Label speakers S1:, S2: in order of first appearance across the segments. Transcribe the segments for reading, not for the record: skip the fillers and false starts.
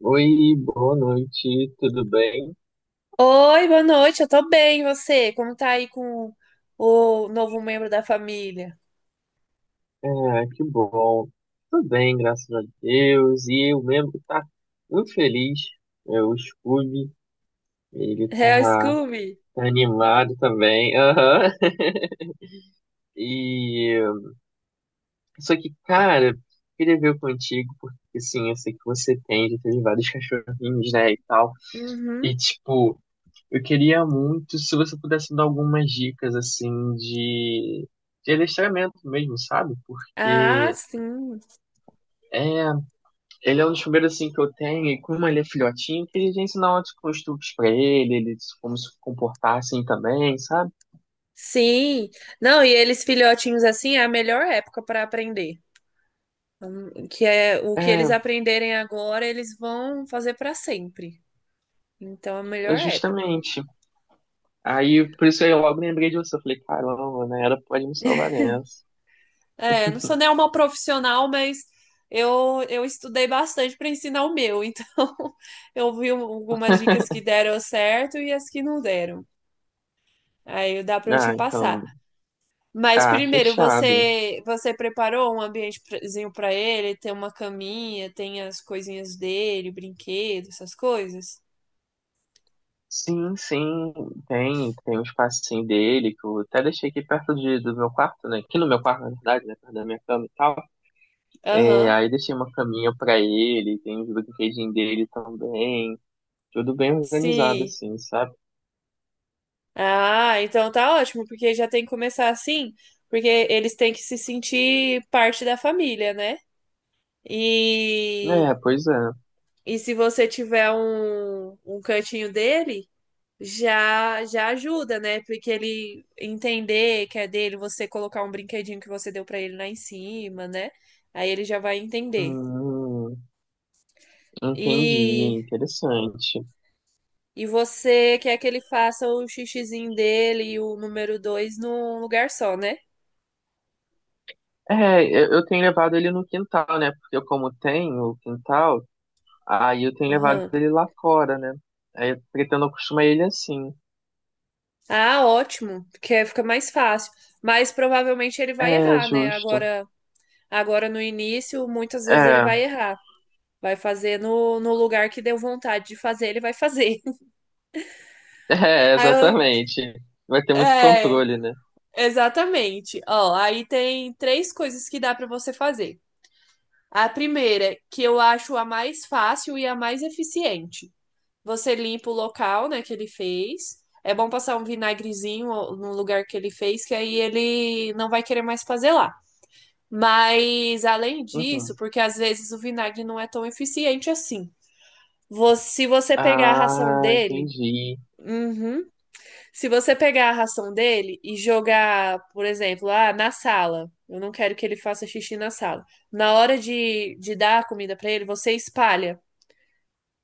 S1: Oi, boa noite, tudo bem?
S2: Oi, boa noite, eu tô bem, e você? Como tá aí com o novo membro da família?
S1: É, que bom. Tudo bem, graças a Deus. E eu mesmo que tá muito feliz. É, o Scooby, ele
S2: É o
S1: tá,
S2: Scooby?
S1: tá animado também. Aham. E só que, cara, queria ver contigo, porque assim, eu sei que você tem, já teve vários cachorrinhos, né, e tal.
S2: Uhum.
S1: E tipo, eu queria muito se você pudesse dar algumas dicas assim de adestramento mesmo, sabe?
S2: Ah,
S1: Porque
S2: sim.
S1: é, ele é um dos primeiros assim que eu tenho, e como ele é filhotinho, que eles ensinam ótimos costumes pra ele, como se comportar assim também, sabe?
S2: Sim. Não, e eles filhotinhos assim é a melhor época pra aprender. Que é o que
S1: É,
S2: eles aprenderem agora, eles vão fazer pra sempre. Então é a
S1: é
S2: melhor época.
S1: justamente. Aí, por isso aí eu logo lembrei de você. Eu falei, caramba, né? Ela pode me salvar nessa.
S2: É, não sou nem uma profissional, mas eu estudei bastante pra ensinar o meu. Então eu vi algumas dicas que deram certo e as que não deram. Aí dá para eu te
S1: Ah,
S2: passar.
S1: então.
S2: Mas
S1: Ah,
S2: primeiro,
S1: fechado.
S2: você preparou um ambientezinho para ele? Tem uma caminha, tem as coisinhas dele, brinquedos, essas coisas?
S1: Sim, sim, tem, tem um espacinho dele que eu até deixei aqui perto do meu quarto, né? Aqui no meu quarto, na verdade, né? Perto da minha cama e tal. É,
S2: Aham,
S1: aí deixei uma caminha pra ele, tem os brinquedinhos dele também. Tudo bem organizado,
S2: sim.
S1: assim, sabe?
S2: Ah, então tá ótimo, porque já tem que começar assim, porque eles têm que se sentir parte da família, né? E,
S1: É, pois é.
S2: e se você tiver um cantinho dele. Já já ajuda, né? Porque ele entender que é dele, você colocar um brinquedinho que você deu pra ele lá em cima, né? Aí ele já vai entender.
S1: Hum, entendi,
S2: E
S1: interessante.
S2: e você quer que ele faça o xixizinho dele e o número dois num lugar só, né?
S1: É, eu tenho levado ele no quintal, né? Porque eu, como tenho o quintal, aí eu tenho levado
S2: Aham.
S1: ele lá fora, né? Aí eu pretendo acostumar ele assim.
S2: Ah, ótimo, porque fica mais fácil. Mas provavelmente ele vai
S1: É,
S2: errar, né?
S1: justo.
S2: Agora no início, muitas vezes ele
S1: É,
S2: vai errar. Vai fazer no lugar que deu vontade de fazer, ele vai fazer.
S1: é,
S2: Aí eu,
S1: exatamente. Vai ter muito
S2: é,
S1: controle, né?
S2: exatamente. Ó, aí tem três coisas que dá para você fazer. A primeira, que eu acho a mais fácil e a mais eficiente. Você limpa o local, né, que ele fez. É bom passar um vinagrezinho no lugar que ele fez, que aí ele não vai querer mais fazer lá. Mas além disso,
S1: Uhum.
S2: porque às vezes o vinagre não é tão eficiente assim. Se você pegar a ração
S1: Ah,
S2: dele.
S1: entendi.
S2: Uhum. Se você pegar a ração dele e jogar, por exemplo, ah, na sala, eu não quero que ele faça xixi na sala. Na hora de dar a comida para ele, você espalha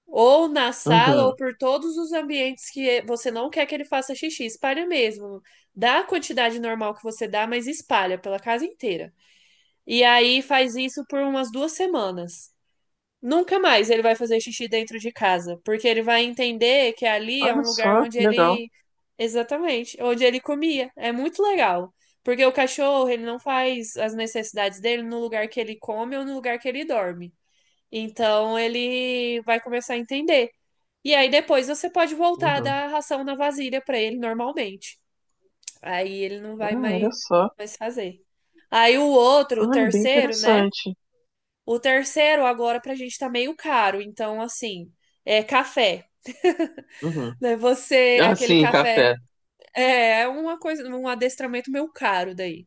S2: ou na sala ou
S1: Uhum.
S2: por todos os ambientes que você não quer que ele faça xixi. Espalha mesmo. Dá a quantidade normal que você dá, mas espalha pela casa inteira. E aí faz isso por umas 2 semanas. Nunca mais ele vai fazer xixi dentro de casa, porque ele vai entender que ali é
S1: Olha
S2: um lugar
S1: só,
S2: onde
S1: que legal.
S2: ele. Exatamente, onde ele comia. É muito legal. Porque o cachorro, ele não faz as necessidades dele no lugar que ele come ou no lugar que ele dorme. Então ele vai começar a entender. E aí depois você pode voltar a
S1: Uhum.
S2: dar a ração na vasilha para ele normalmente. Aí ele não vai
S1: Ah,
S2: mais,
S1: olha só.
S2: mais fazer. Aí o outro, o
S1: Olha, bem
S2: terceiro, né?
S1: interessante.
S2: O terceiro agora pra gente tá meio caro, então assim, é café,
S1: Uhum.
S2: né? Você,
S1: Ah,
S2: aquele
S1: sim,
S2: café
S1: café.
S2: é é uma coisa, um adestramento meio caro daí.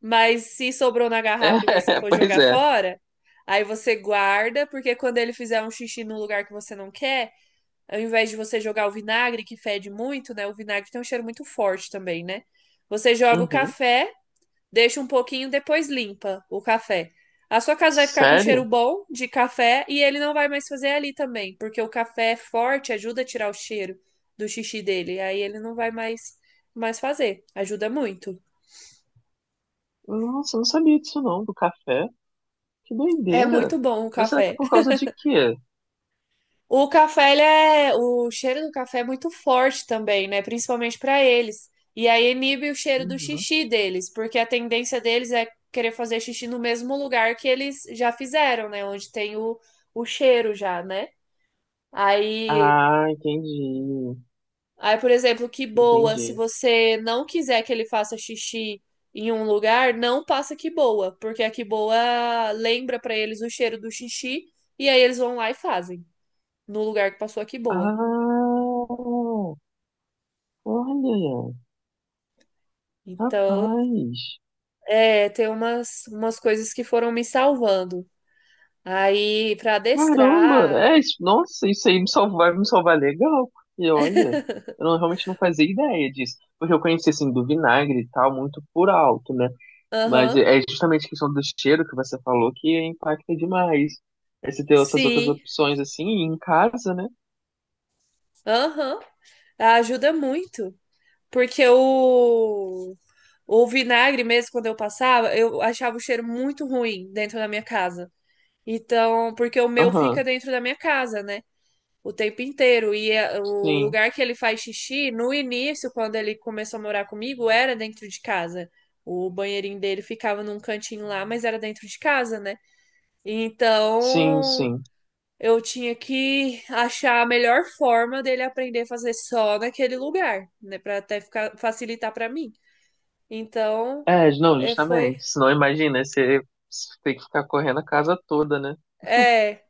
S2: Mas se sobrou na garrafa e você
S1: É,
S2: for
S1: pois
S2: jogar
S1: é.
S2: fora, aí você guarda, porque quando ele fizer um xixi num lugar que você não quer, ao invés de você jogar o vinagre, que fede muito, né? O vinagre tem um cheiro muito forte também, né? Você joga o
S1: Uhum.
S2: café. Deixa um pouquinho, depois limpa o café. A sua casa vai ficar com cheiro
S1: Sério?
S2: bom de café e ele não vai mais fazer ali também, porque o café é forte, ajuda a tirar o cheiro do xixi dele. Aí ele não vai mais fazer. Ajuda muito.
S1: Nossa, eu não sabia disso não, do café. Que
S2: É
S1: doideira.
S2: muito bom o
S1: Mas será que é
S2: café.
S1: por causa de quê?
S2: O café, ele é, o cheiro do café é muito forte também, né? Principalmente para eles. E aí inibe o cheiro do
S1: Uhum.
S2: xixi deles, porque a tendência deles é querer fazer xixi no mesmo lugar que eles já fizeram, né? Onde tem o cheiro já, né? Aí,
S1: Ah, entendi.
S2: aí, por exemplo, que boa, se
S1: Entendi.
S2: você não quiser que ele faça xixi em um lugar, não passa que boa, porque a que boa lembra pra eles o cheiro do xixi e aí eles vão lá e fazem no lugar que passou a que boa.
S1: Ah, olha,
S2: Então,
S1: rapaz.
S2: é, tem umas coisas que foram me salvando. Aí, pra
S1: Caramba,
S2: adestrar,
S1: é isso. Nossa, isso aí me salvar, vai me salvar legal, porque olha, eu não- realmente não fazia ideia disso. Porque eu conheci assim do vinagre e tal, muito por alto, né? Mas
S2: aham,
S1: é justamente a questão do cheiro que você falou que impacta demais. Aí você tem essas outras
S2: sim,
S1: opções assim, e em casa, né?
S2: aham, ajuda muito. Porque o vinagre mesmo, quando eu passava, eu achava o cheiro muito ruim dentro da minha casa. Então, porque o meu fica
S1: Aham,
S2: dentro da minha casa, né? O tempo inteiro. E o
S1: sim,
S2: lugar que ele faz xixi, no início, quando ele começou a morar comigo, era dentro de casa. O banheirinho dele ficava num cantinho lá, mas era dentro de casa, né?
S1: sim,
S2: Então,
S1: sim.
S2: eu tinha que achar a melhor forma dele aprender a fazer só naquele lugar, né? Pra até ficar, facilitar pra mim. Então,
S1: É, não,
S2: é, foi.
S1: justamente. Senão imagina, você tem que ficar correndo a casa toda, né?
S2: É.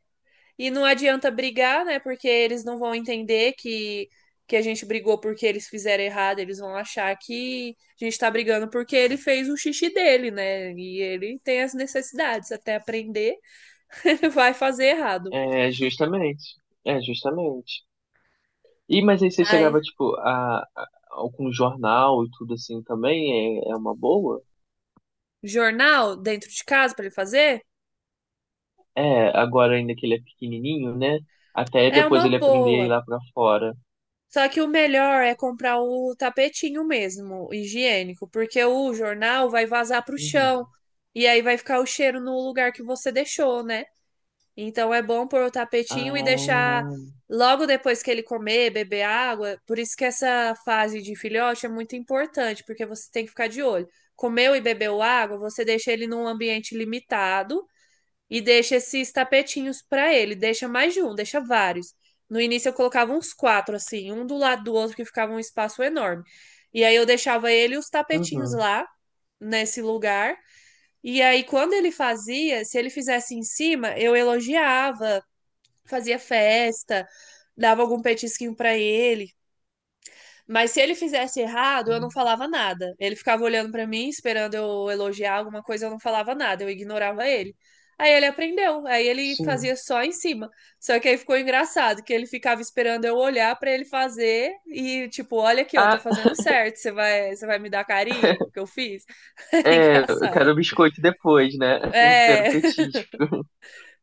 S2: E não adianta brigar, né? Porque eles não vão entender que a gente brigou porque eles fizeram errado. Eles vão achar que a gente tá brigando porque ele fez o xixi dele, né? E ele tem as necessidades. Até aprender, ele vai fazer errado.
S1: É, justamente. É, justamente. E, mas aí você
S2: Ai.
S1: chegava, tipo, algum jornal e tudo assim também, é uma boa?
S2: Jornal dentro de casa pra ele fazer?
S1: É, agora ainda que ele é pequenininho, né? Até
S2: É
S1: depois
S2: uma
S1: ele aprender a ir
S2: boa.
S1: lá pra fora.
S2: Só que o melhor é comprar o tapetinho mesmo, higiênico, porque o jornal vai vazar pro chão
S1: Uhum.
S2: e aí vai ficar o cheiro no lugar que você deixou, né? Então é bom pôr o tapetinho e
S1: Ah,
S2: deixar logo depois que ele comer, beber água. Por isso que essa fase de filhote é muito importante, porque você tem que ficar de olho. Comeu e bebeu água, você deixa ele num ambiente limitado e deixa esses tapetinhos pra ele. Deixa mais de um, deixa vários. No início eu colocava uns quatro, assim, um do lado do outro, que ficava um espaço enorme. E aí eu deixava ele e os tapetinhos
S1: uhum.
S2: lá, nesse lugar. E aí, quando ele fazia, se ele fizesse em cima, eu elogiava, fazia festa, dava algum petisquinho pra ele. Mas se ele fizesse errado, eu não falava nada. Ele ficava olhando pra mim, esperando eu elogiar alguma coisa, eu não falava nada, eu ignorava ele. Aí ele aprendeu, aí ele
S1: Sim.
S2: fazia só em cima. Só que aí ficou engraçado que ele ficava esperando eu olhar pra ele fazer e tipo, olha aqui, eu tô
S1: Ah,
S2: fazendo certo, você vai me dar carinho porque eu fiz. Era
S1: é, eu
S2: engraçado.
S1: quero biscoito depois, né? Eu quero
S2: É,
S1: petisco.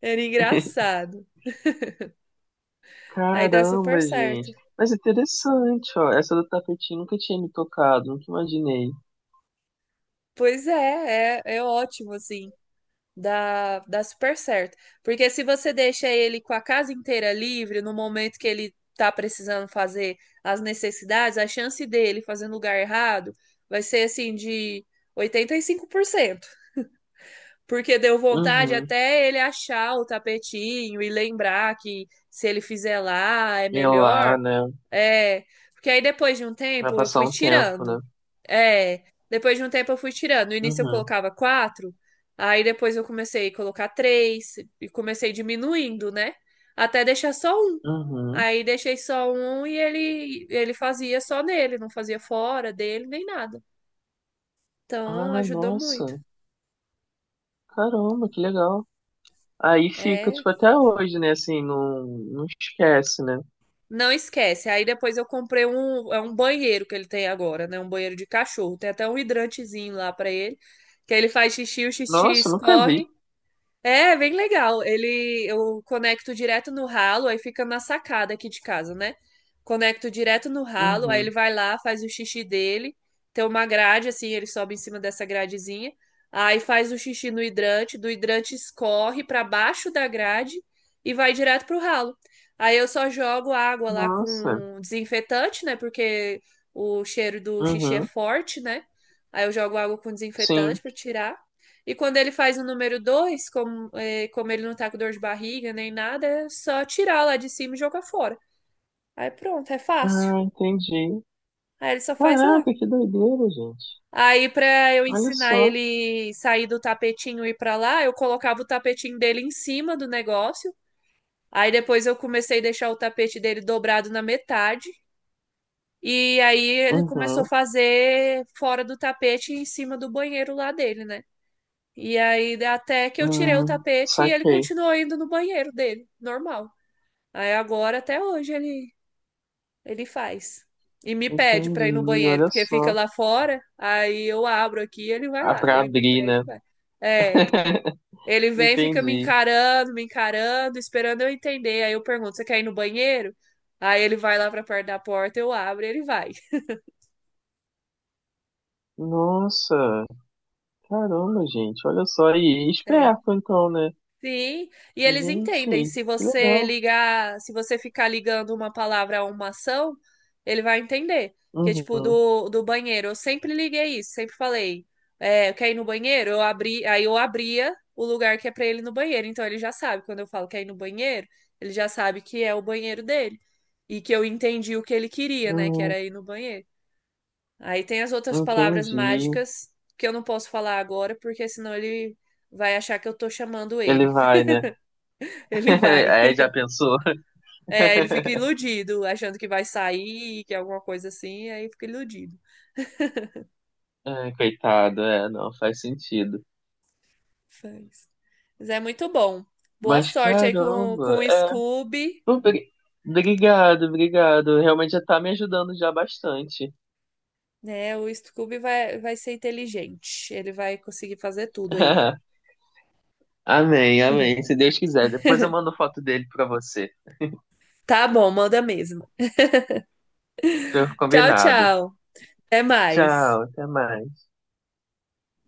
S2: era engraçado. Aí dá super
S1: Caramba,
S2: certo.
S1: gente. Mas é interessante, ó. Essa do tapetinho nunca tinha me tocado, nunca imaginei.
S2: Pois é, é, é ótimo assim. Dá, dá super certo. Porque se você deixa ele com a casa inteira livre no momento que ele tá precisando fazer as necessidades, a chance dele fazer no lugar errado vai ser assim de 85%, porque deu vontade
S1: Uhum.
S2: até ele achar o tapetinho e lembrar que se ele fizer lá é
S1: E é
S2: melhor.
S1: lá, né?
S2: É, porque aí depois de um
S1: Vai
S2: tempo eu
S1: passar
S2: fui
S1: um tempo,
S2: tirando.
S1: né?
S2: É, depois de um tempo eu fui tirando. No início eu
S1: Uhum.
S2: colocava quatro, aí depois eu comecei a colocar três e comecei diminuindo, né? Até deixar só um.
S1: Uhum.
S2: Aí deixei só um e ele fazia só nele, não fazia fora dele nem nada. Então
S1: Ah,
S2: ajudou muito.
S1: nossa. Caramba, que legal. Aí fica,
S2: É.
S1: tipo, até hoje, né? Assim, não, não esquece, né?
S2: Não esquece. Aí depois eu comprei um, é um banheiro que ele tem agora, né? Um banheiro de cachorro. Tem até um hidrantezinho lá pra ele, que aí ele faz xixi, o xixi
S1: Nossa, nunca
S2: escorre.
S1: vi.
S2: É, bem legal. Ele, eu conecto direto no ralo, aí fica na sacada aqui de casa, né? Conecto direto no ralo, aí ele
S1: Uhum.
S2: vai lá, faz o xixi dele. Tem uma grade assim, ele sobe em cima dessa gradezinha. Aí faz o xixi no hidrante, do hidrante escorre para baixo da grade e vai direto pro ralo. Aí eu só jogo água lá
S1: Nossa.
S2: com desinfetante, né? Porque o cheiro do xixi é
S1: Uhum.
S2: forte, né? Aí eu jogo água com desinfetante
S1: Sim.
S2: para tirar. E quando ele faz o número 2, como, é, como ele não tá com dor de barriga nem nada, é só tirar lá de cima e jogar fora. Aí pronto, é fácil.
S1: Ah, entendi.
S2: Aí ele só faz lá.
S1: Caraca, que doideira, gente.
S2: Aí, pra eu
S1: Olha
S2: ensinar
S1: só.
S2: ele sair do tapetinho e ir pra lá, eu colocava o tapetinho dele em cima do negócio. Aí depois eu comecei a deixar o tapete dele dobrado na metade. E aí ele começou a
S1: Uhum.
S2: fazer fora do tapete em cima do banheiro lá dele, né? E aí, até que eu tirei o tapete e ele
S1: Saquei.
S2: continuou indo no banheiro dele, normal. Aí agora, até hoje, ele faz. E me pede pra ir no
S1: Entendi.
S2: banheiro,
S1: Olha
S2: porque fica
S1: só.
S2: lá fora, aí eu abro aqui e ele vai
S1: Ah,
S2: lá.
S1: pra
S2: Ele me
S1: abrir,
S2: pede
S1: né?
S2: e vai. É. Ele vem, e fica
S1: Entendi.
S2: me encarando, esperando eu entender. Aí eu pergunto: você quer ir no banheiro? Aí ele vai lá pra perto da porta, eu abro e ele vai.
S1: Nossa, caramba, gente. Olha só. E
S2: É.
S1: esperto, então, né?
S2: Sim, e eles entendem.
S1: Gente,
S2: Se
S1: que
S2: você
S1: legal.
S2: ligar, se você ficar ligando uma palavra a uma ação, ele vai entender. Que é tipo
S1: Uhum.
S2: do, do banheiro. Eu sempre liguei isso, sempre falei. É, quer ir no banheiro? Eu abri, aí eu abria o lugar que é pra ele ir no banheiro. Então ele já sabe. Quando eu falo quer ir no banheiro, ele já sabe que é o banheiro dele. E que eu entendi o que ele queria, né? Que
S1: Hum,
S2: era ir no banheiro. Aí tem as outras palavras
S1: entendi.
S2: mágicas que eu não posso falar agora, porque senão ele vai achar que eu tô chamando
S1: Ele
S2: ele.
S1: vai, né?
S2: Ele vai.
S1: Aí já pensou.
S2: É, ele fica iludido, achando que vai sair, que é alguma coisa assim, aí fica iludido.
S1: Ah, coitado, é, não faz sentido.
S2: Mas, mas é muito bom. Boa
S1: Mas
S2: sorte aí com
S1: caramba,
S2: o Scooby,
S1: Obri- Obrigado, obrigado. Realmente já tá me ajudando já bastante.
S2: né? O Scooby vai, vai ser inteligente. Ele vai conseguir fazer tudo aí.
S1: Amém, amém. Se Deus quiser. Depois eu mando foto dele pra você.
S2: Tá bom, manda mesmo.
S1: Tô
S2: Tchau,
S1: combinado.
S2: tchau. Até mais.
S1: Tchau, até mais.